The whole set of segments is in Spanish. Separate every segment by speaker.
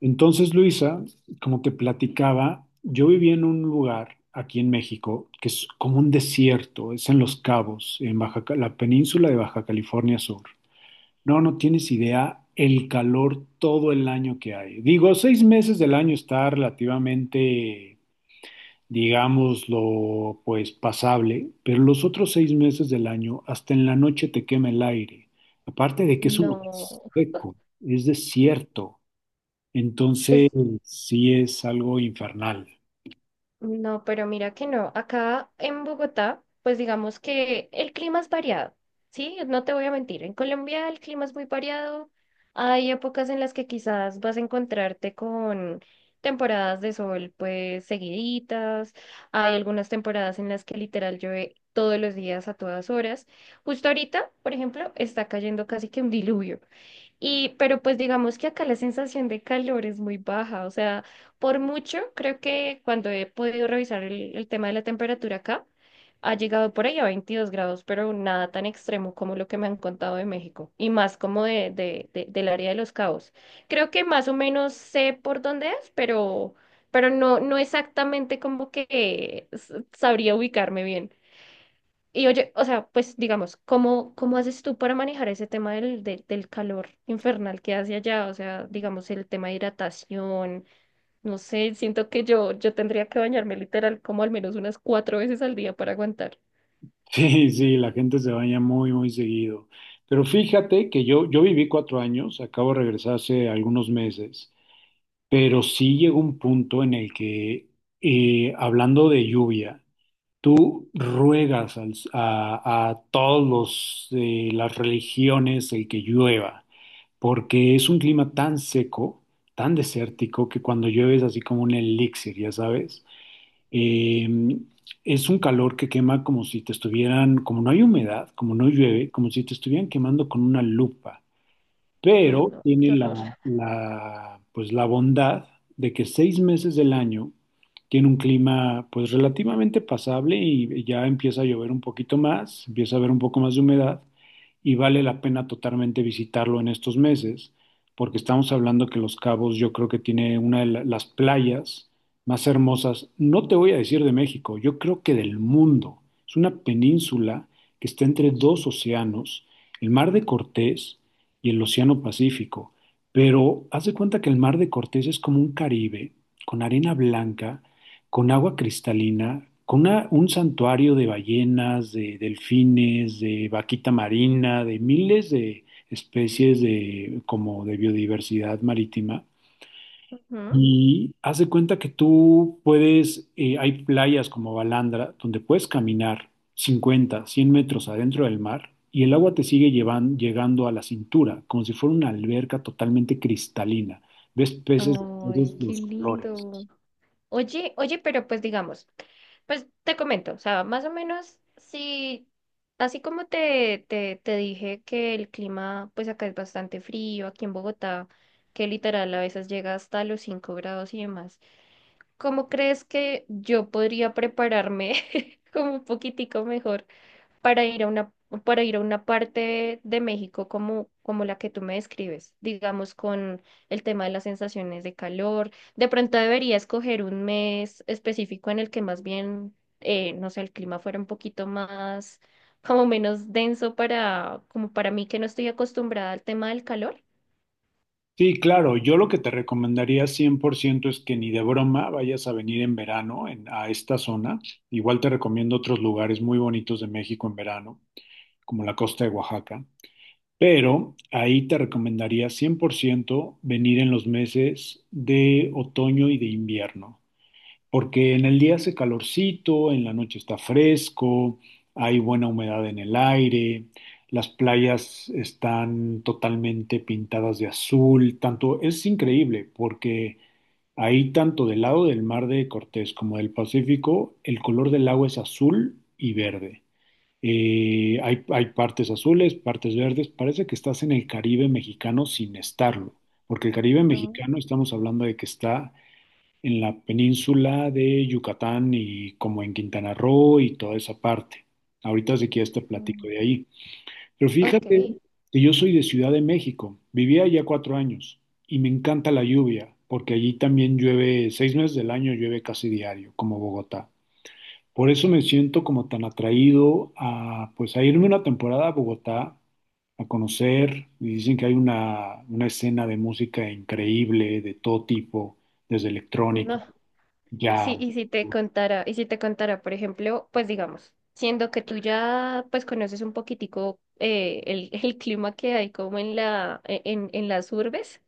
Speaker 1: Entonces, Luisa, como te platicaba, yo viví en un lugar aquí en México que es como un desierto, es en Los Cabos, en Baja, la península de Baja California Sur. No, no tienes idea el calor todo el año que hay. Digo, 6 meses del año está relativamente, digámoslo, pues pasable, pero los otros 6 meses del año, hasta en la noche te quema el aire. Aparte de que es un lugar
Speaker 2: No,
Speaker 1: seco, es desierto.
Speaker 2: es,
Speaker 1: Entonces, sí es algo infernal.
Speaker 2: no, pero mira que no. Acá en Bogotá, pues digamos que el clima es variado, ¿sí? No te voy a mentir. En Colombia el clima es muy variado. Hay épocas en las que quizás vas a encontrarte con temporadas de sol, pues seguiditas. Hay algunas temporadas en las que literal llueve todos los días a todas horas. Justo ahorita, por ejemplo, está cayendo casi que un diluvio. Y, pero pues digamos que acá la sensación de calor es muy baja, o sea, por mucho creo que cuando he podido revisar el tema de la temperatura acá, ha llegado por ahí a 22 grados, pero nada tan extremo como lo que me han contado de México, y más como del área de Los Cabos. Creo que más o menos sé por dónde es, pero no, no exactamente como que sabría ubicarme bien. Y oye, o sea, pues digamos, cómo haces tú para manejar ese tema del calor infernal que hace allá? O sea, digamos, el tema de hidratación, no sé, siento que yo tendría que bañarme literal como al menos unas cuatro veces al día para aguantar.
Speaker 1: Sí, sí, la gente se baña muy, muy seguido. Pero fíjate que yo viví 4 años, acabo de regresar hace algunos meses, pero sí llegó un punto en el que, hablando de lluvia, tú ruegas a todos las religiones el que llueva, porque es un clima tan seco, tan desértico, que cuando llueve es así como un elixir, ya sabes. Eh, es un calor que quema como si te estuvieran, como no hay humedad, como no llueve, como si te estuvieran quemando con una lupa
Speaker 2: Ay,
Speaker 1: pero
Speaker 2: no,
Speaker 1: tiene
Speaker 2: qué
Speaker 1: la,
Speaker 2: horror.
Speaker 1: la, pues, la bondad de que 6 meses del año tiene un clima pues relativamente pasable y ya empieza a llover un poquito más, empieza a haber un poco más de humedad y vale la pena totalmente visitarlo en estos meses, porque estamos hablando que Los Cabos yo creo que tiene una de las playas más hermosas, no te voy a decir de México, yo creo que del mundo. Es una península que está entre dos océanos, el Mar de Cortés y el Océano Pacífico. Pero haz de cuenta que el Mar de Cortés es como un Caribe, con arena blanca, con agua cristalina, con un santuario de ballenas, de delfines, de vaquita marina, de miles de especies de, como de biodiversidad marítima.
Speaker 2: Ujú.
Speaker 1: Y haz de cuenta que tú puedes, hay playas como Balandra, donde puedes caminar 50, 100 metros adentro del mar y el agua te sigue llegando a la cintura, como si fuera una alberca totalmente cristalina. Ves peces de todos
Speaker 2: Ay, qué
Speaker 1: los colores.
Speaker 2: lindo. Oye, oye, pero pues digamos. Pues te comento, o sea, más o menos, sí, así como te dije que el clima, pues acá es bastante frío, aquí en Bogotá, que literal a veces llega hasta los 5 grados y demás. ¿Cómo crees que yo podría prepararme como un poquitico mejor para ir a una, para ir a una parte de México como, como la que tú me describes, digamos con el tema de las sensaciones de calor? De pronto debería escoger un mes específico en el que más bien, no sé, el clima fuera un poquito más, como menos denso para, como para mí que no estoy acostumbrada al tema del calor.
Speaker 1: Sí, claro, yo lo que te recomendaría 100% es que ni de broma vayas a venir en verano a esta zona. Igual te recomiendo otros lugares muy bonitos de México en verano, como la costa de Oaxaca. Pero ahí te recomendaría 100% venir en los meses de otoño y de invierno, porque en el día hace calorcito, en la noche está fresco, hay buena humedad en el aire, las playas están totalmente pintadas de azul, tanto es increíble porque ahí tanto del lado del mar de Cortés como del Pacífico, el color del agua es azul y verde. Hay partes azules, partes verdes. Parece que estás en el Caribe mexicano sin estarlo, porque el Caribe mexicano estamos hablando de que está en la península de Yucatán y como en Quintana Roo y toda esa parte. Ahorita si quieres te platico
Speaker 2: Ujú.
Speaker 1: de ahí. Pero
Speaker 2: Ok,
Speaker 1: fíjate que yo soy de Ciudad de México. Vivía allá 4 años y me encanta la lluvia, porque allí también llueve, 6 meses del año llueve casi diario, como Bogotá. Por eso me siento como tan atraído a, pues, a irme una temporada a Bogotá, a conocer, y dicen que hay una escena de música increíble, de todo tipo, desde electrónica,
Speaker 2: no. Sí,
Speaker 1: jazz.
Speaker 2: y si te contara, por ejemplo, pues digamos, siendo que tú ya pues conoces un poquitico el clima que hay como en en las urbes,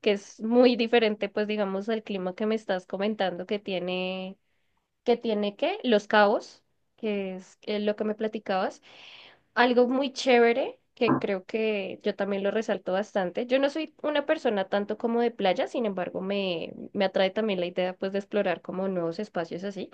Speaker 2: que es muy diferente, pues digamos, al clima que me estás comentando que tiene ¿qué? Los Cabos, que es lo que me platicabas. Algo muy chévere que creo que yo también lo resalto bastante. Yo no soy una persona tanto como de playa, sin embargo, me atrae también la idea pues de explorar como nuevos espacios así.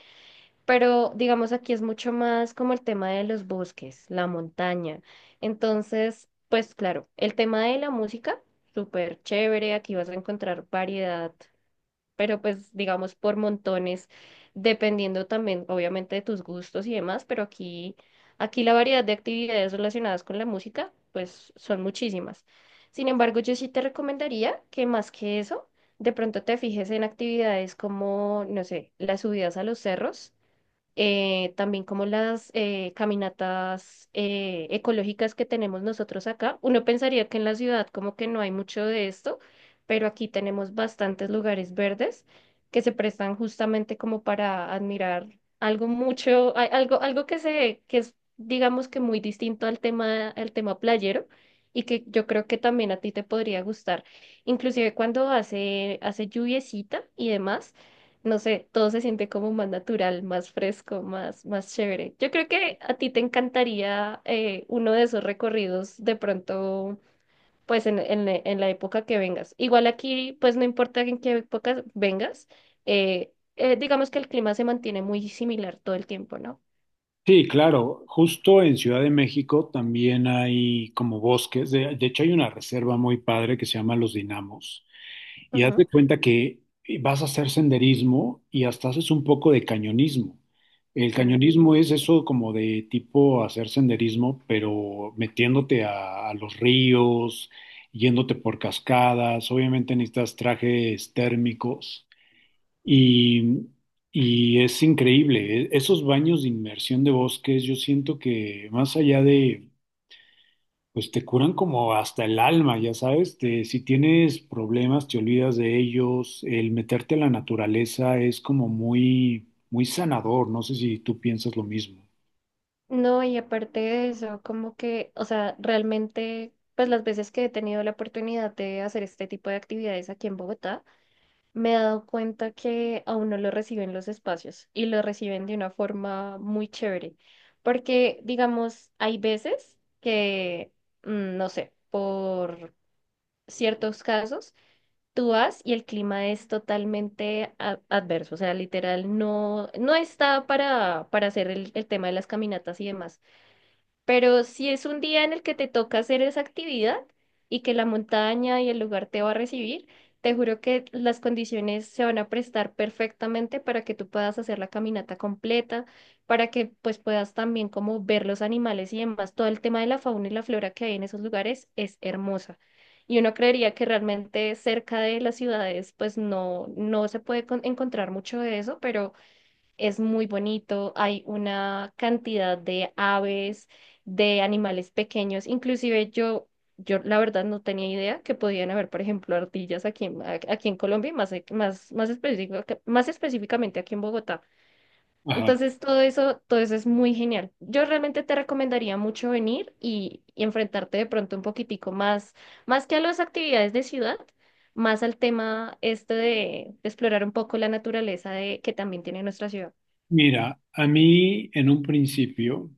Speaker 2: Pero digamos aquí es mucho más como el tema de los bosques, la montaña. Entonces, pues claro, el tema de la música, súper chévere, aquí vas a encontrar variedad, pero pues digamos por montones, dependiendo también obviamente de tus gustos y demás, aquí la variedad de actividades relacionadas con la música, pues son muchísimas. Sin embargo, yo sí te recomendaría que más que eso, de pronto te fijes en actividades como, no sé, las subidas a los cerros también como las caminatas ecológicas que tenemos nosotros acá. Uno pensaría que en la ciudad como que no hay mucho de esto, pero aquí tenemos bastantes lugares verdes que se prestan justamente como para admirar algo mucho, algo que que es digamos que muy distinto al tema playero. Y que yo creo que también a ti te podría gustar. Inclusive cuando hace lluviecita y demás, no sé, todo se siente como más natural, más fresco, más chévere. Yo creo que a ti te encantaría uno de esos recorridos de pronto, pues en la época que vengas. Igual aquí, pues no importa en qué época vengas, digamos que el clima se mantiene muy similar todo el tiempo, ¿no?
Speaker 1: Sí, claro, justo en Ciudad de México también hay como bosques, de hecho hay una reserva muy padre que se llama Los Dinamos. Y haz de
Speaker 2: Ujú.
Speaker 1: cuenta que vas a hacer senderismo y hasta haces un poco de cañonismo. El cañonismo es
Speaker 2: Mm.
Speaker 1: eso como de tipo hacer senderismo, pero metiéndote a los ríos, yéndote por cascadas. Obviamente necesitas trajes térmicos y, y, es increíble. Esos baños de inmersión de bosques, yo siento que más allá de pues te curan como hasta el alma, ya sabes, si tienes problemas te olvidas de ellos, el meterte a la naturaleza es como muy, muy sanador, no sé si tú piensas lo mismo.
Speaker 2: No, y aparte de eso, como que, o sea, realmente, pues las veces que he tenido la oportunidad de hacer este tipo de actividades aquí en Bogotá, me he dado cuenta que a uno lo reciben los espacios y lo reciben de una forma muy chévere. Porque, digamos, hay veces que, mm, no sé, por ciertos casos, tú vas y el clima es totalmente adverso. O sea, literal, no, no está para hacer el tema de las caminatas y demás. Pero si es un día en el que te toca hacer esa actividad y que la montaña y el lugar te va a recibir, te juro que las condiciones se van a prestar perfectamente para que tú puedas hacer la caminata completa, para que pues puedas también como ver los animales y demás. Todo el tema de la fauna y la flora que hay en esos lugares es hermosa. Y uno creería que realmente cerca de las ciudades pues no, no se puede encontrar mucho de eso, pero... Es muy bonito, hay una cantidad de aves, de animales pequeños, inclusive yo la verdad no tenía idea que podían haber, por ejemplo, ardillas aquí en Colombia, y más específicamente aquí en Bogotá.
Speaker 1: Ajá.
Speaker 2: Entonces todo eso es muy genial. Yo realmente te recomendaría mucho venir y enfrentarte de pronto un poquitico más, más que a las actividades de ciudad, más al tema este de explorar un poco la naturaleza de, que también tiene nuestra ciudad.
Speaker 1: Mira, a mí en un principio,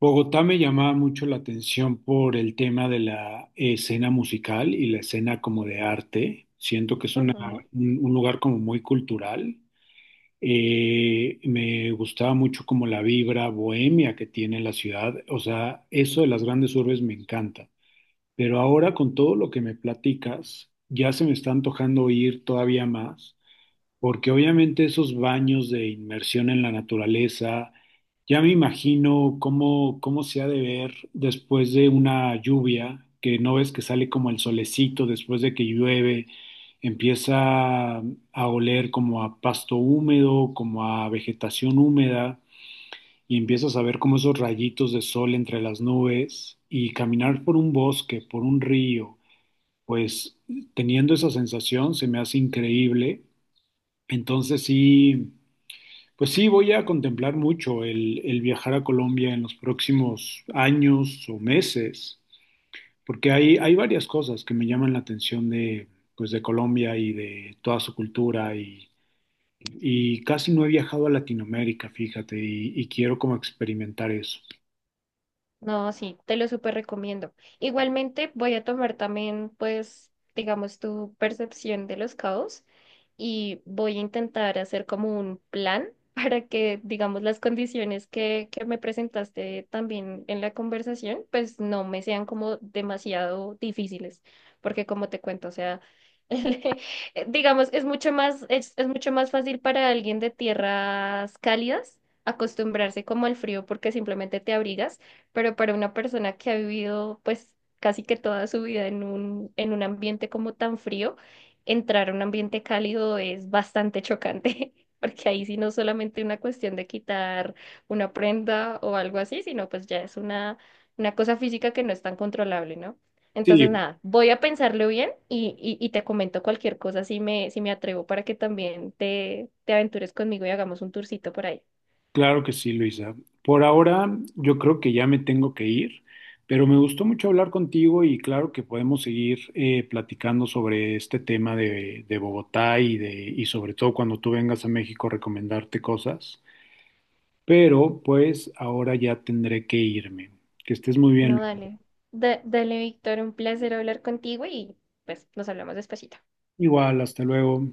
Speaker 1: Bogotá me llamaba mucho la atención por el tema de la escena musical y la escena como de arte, siento que es una,
Speaker 2: Ujú.
Speaker 1: un lugar como muy cultural. Me gustaba mucho como la vibra bohemia que tiene la ciudad. O sea, eso de las grandes urbes me encanta. Pero ahora con todo lo que me platicas, ya se me está antojando ir todavía más. Porque obviamente esos baños de inmersión en la naturaleza, ya me imagino cómo se ha de ver después de una lluvia, que no ves que sale como el solecito después de que llueve, empieza a oler como a pasto húmedo, como a vegetación húmeda, y empiezas a ver como esos rayitos de sol entre las nubes, y caminar por un bosque, por un río, pues teniendo esa sensación se me hace increíble. Entonces sí. Pues sí, voy a contemplar mucho el viajar a Colombia en los próximos años o meses, porque hay varias cosas que me llaman la atención de, pues de Colombia y de toda su cultura y casi no he viajado a Latinoamérica, fíjate, y quiero como experimentar eso.
Speaker 2: No, sí, te lo súper recomiendo. Igualmente voy a tomar también, pues, digamos, tu percepción de los caos y voy a intentar hacer como un plan para que, digamos, las condiciones que me presentaste también en la conversación, pues no me sean como demasiado difíciles, porque como te cuento, o sea, digamos, es mucho más fácil para alguien de tierras cálidas acostumbrarse como al frío porque simplemente te abrigas, pero para una persona que ha vivido pues casi que toda su vida en en un ambiente como tan frío, entrar a un ambiente cálido es bastante chocante, porque ahí sí no es solamente una cuestión de quitar una prenda o algo así, sino pues ya es una cosa física que no es tan controlable, ¿no? Entonces,
Speaker 1: Sí,
Speaker 2: nada, voy a pensarlo bien y te comento cualquier cosa si me atrevo para que también te aventures conmigo y hagamos un tourcito por ahí.
Speaker 1: claro que sí, Luisa. Por ahora yo creo que ya me tengo que ir, pero me gustó mucho hablar contigo y claro que podemos seguir platicando sobre este tema de Bogotá y sobre todo cuando tú vengas a México recomendarte cosas. Pero pues ahora ya tendré que irme. Que estés muy bien,
Speaker 2: No,
Speaker 1: Luisa.
Speaker 2: dale. Dale, Víctor, un placer hablar contigo y pues nos hablamos despacito.
Speaker 1: Igual, hasta luego.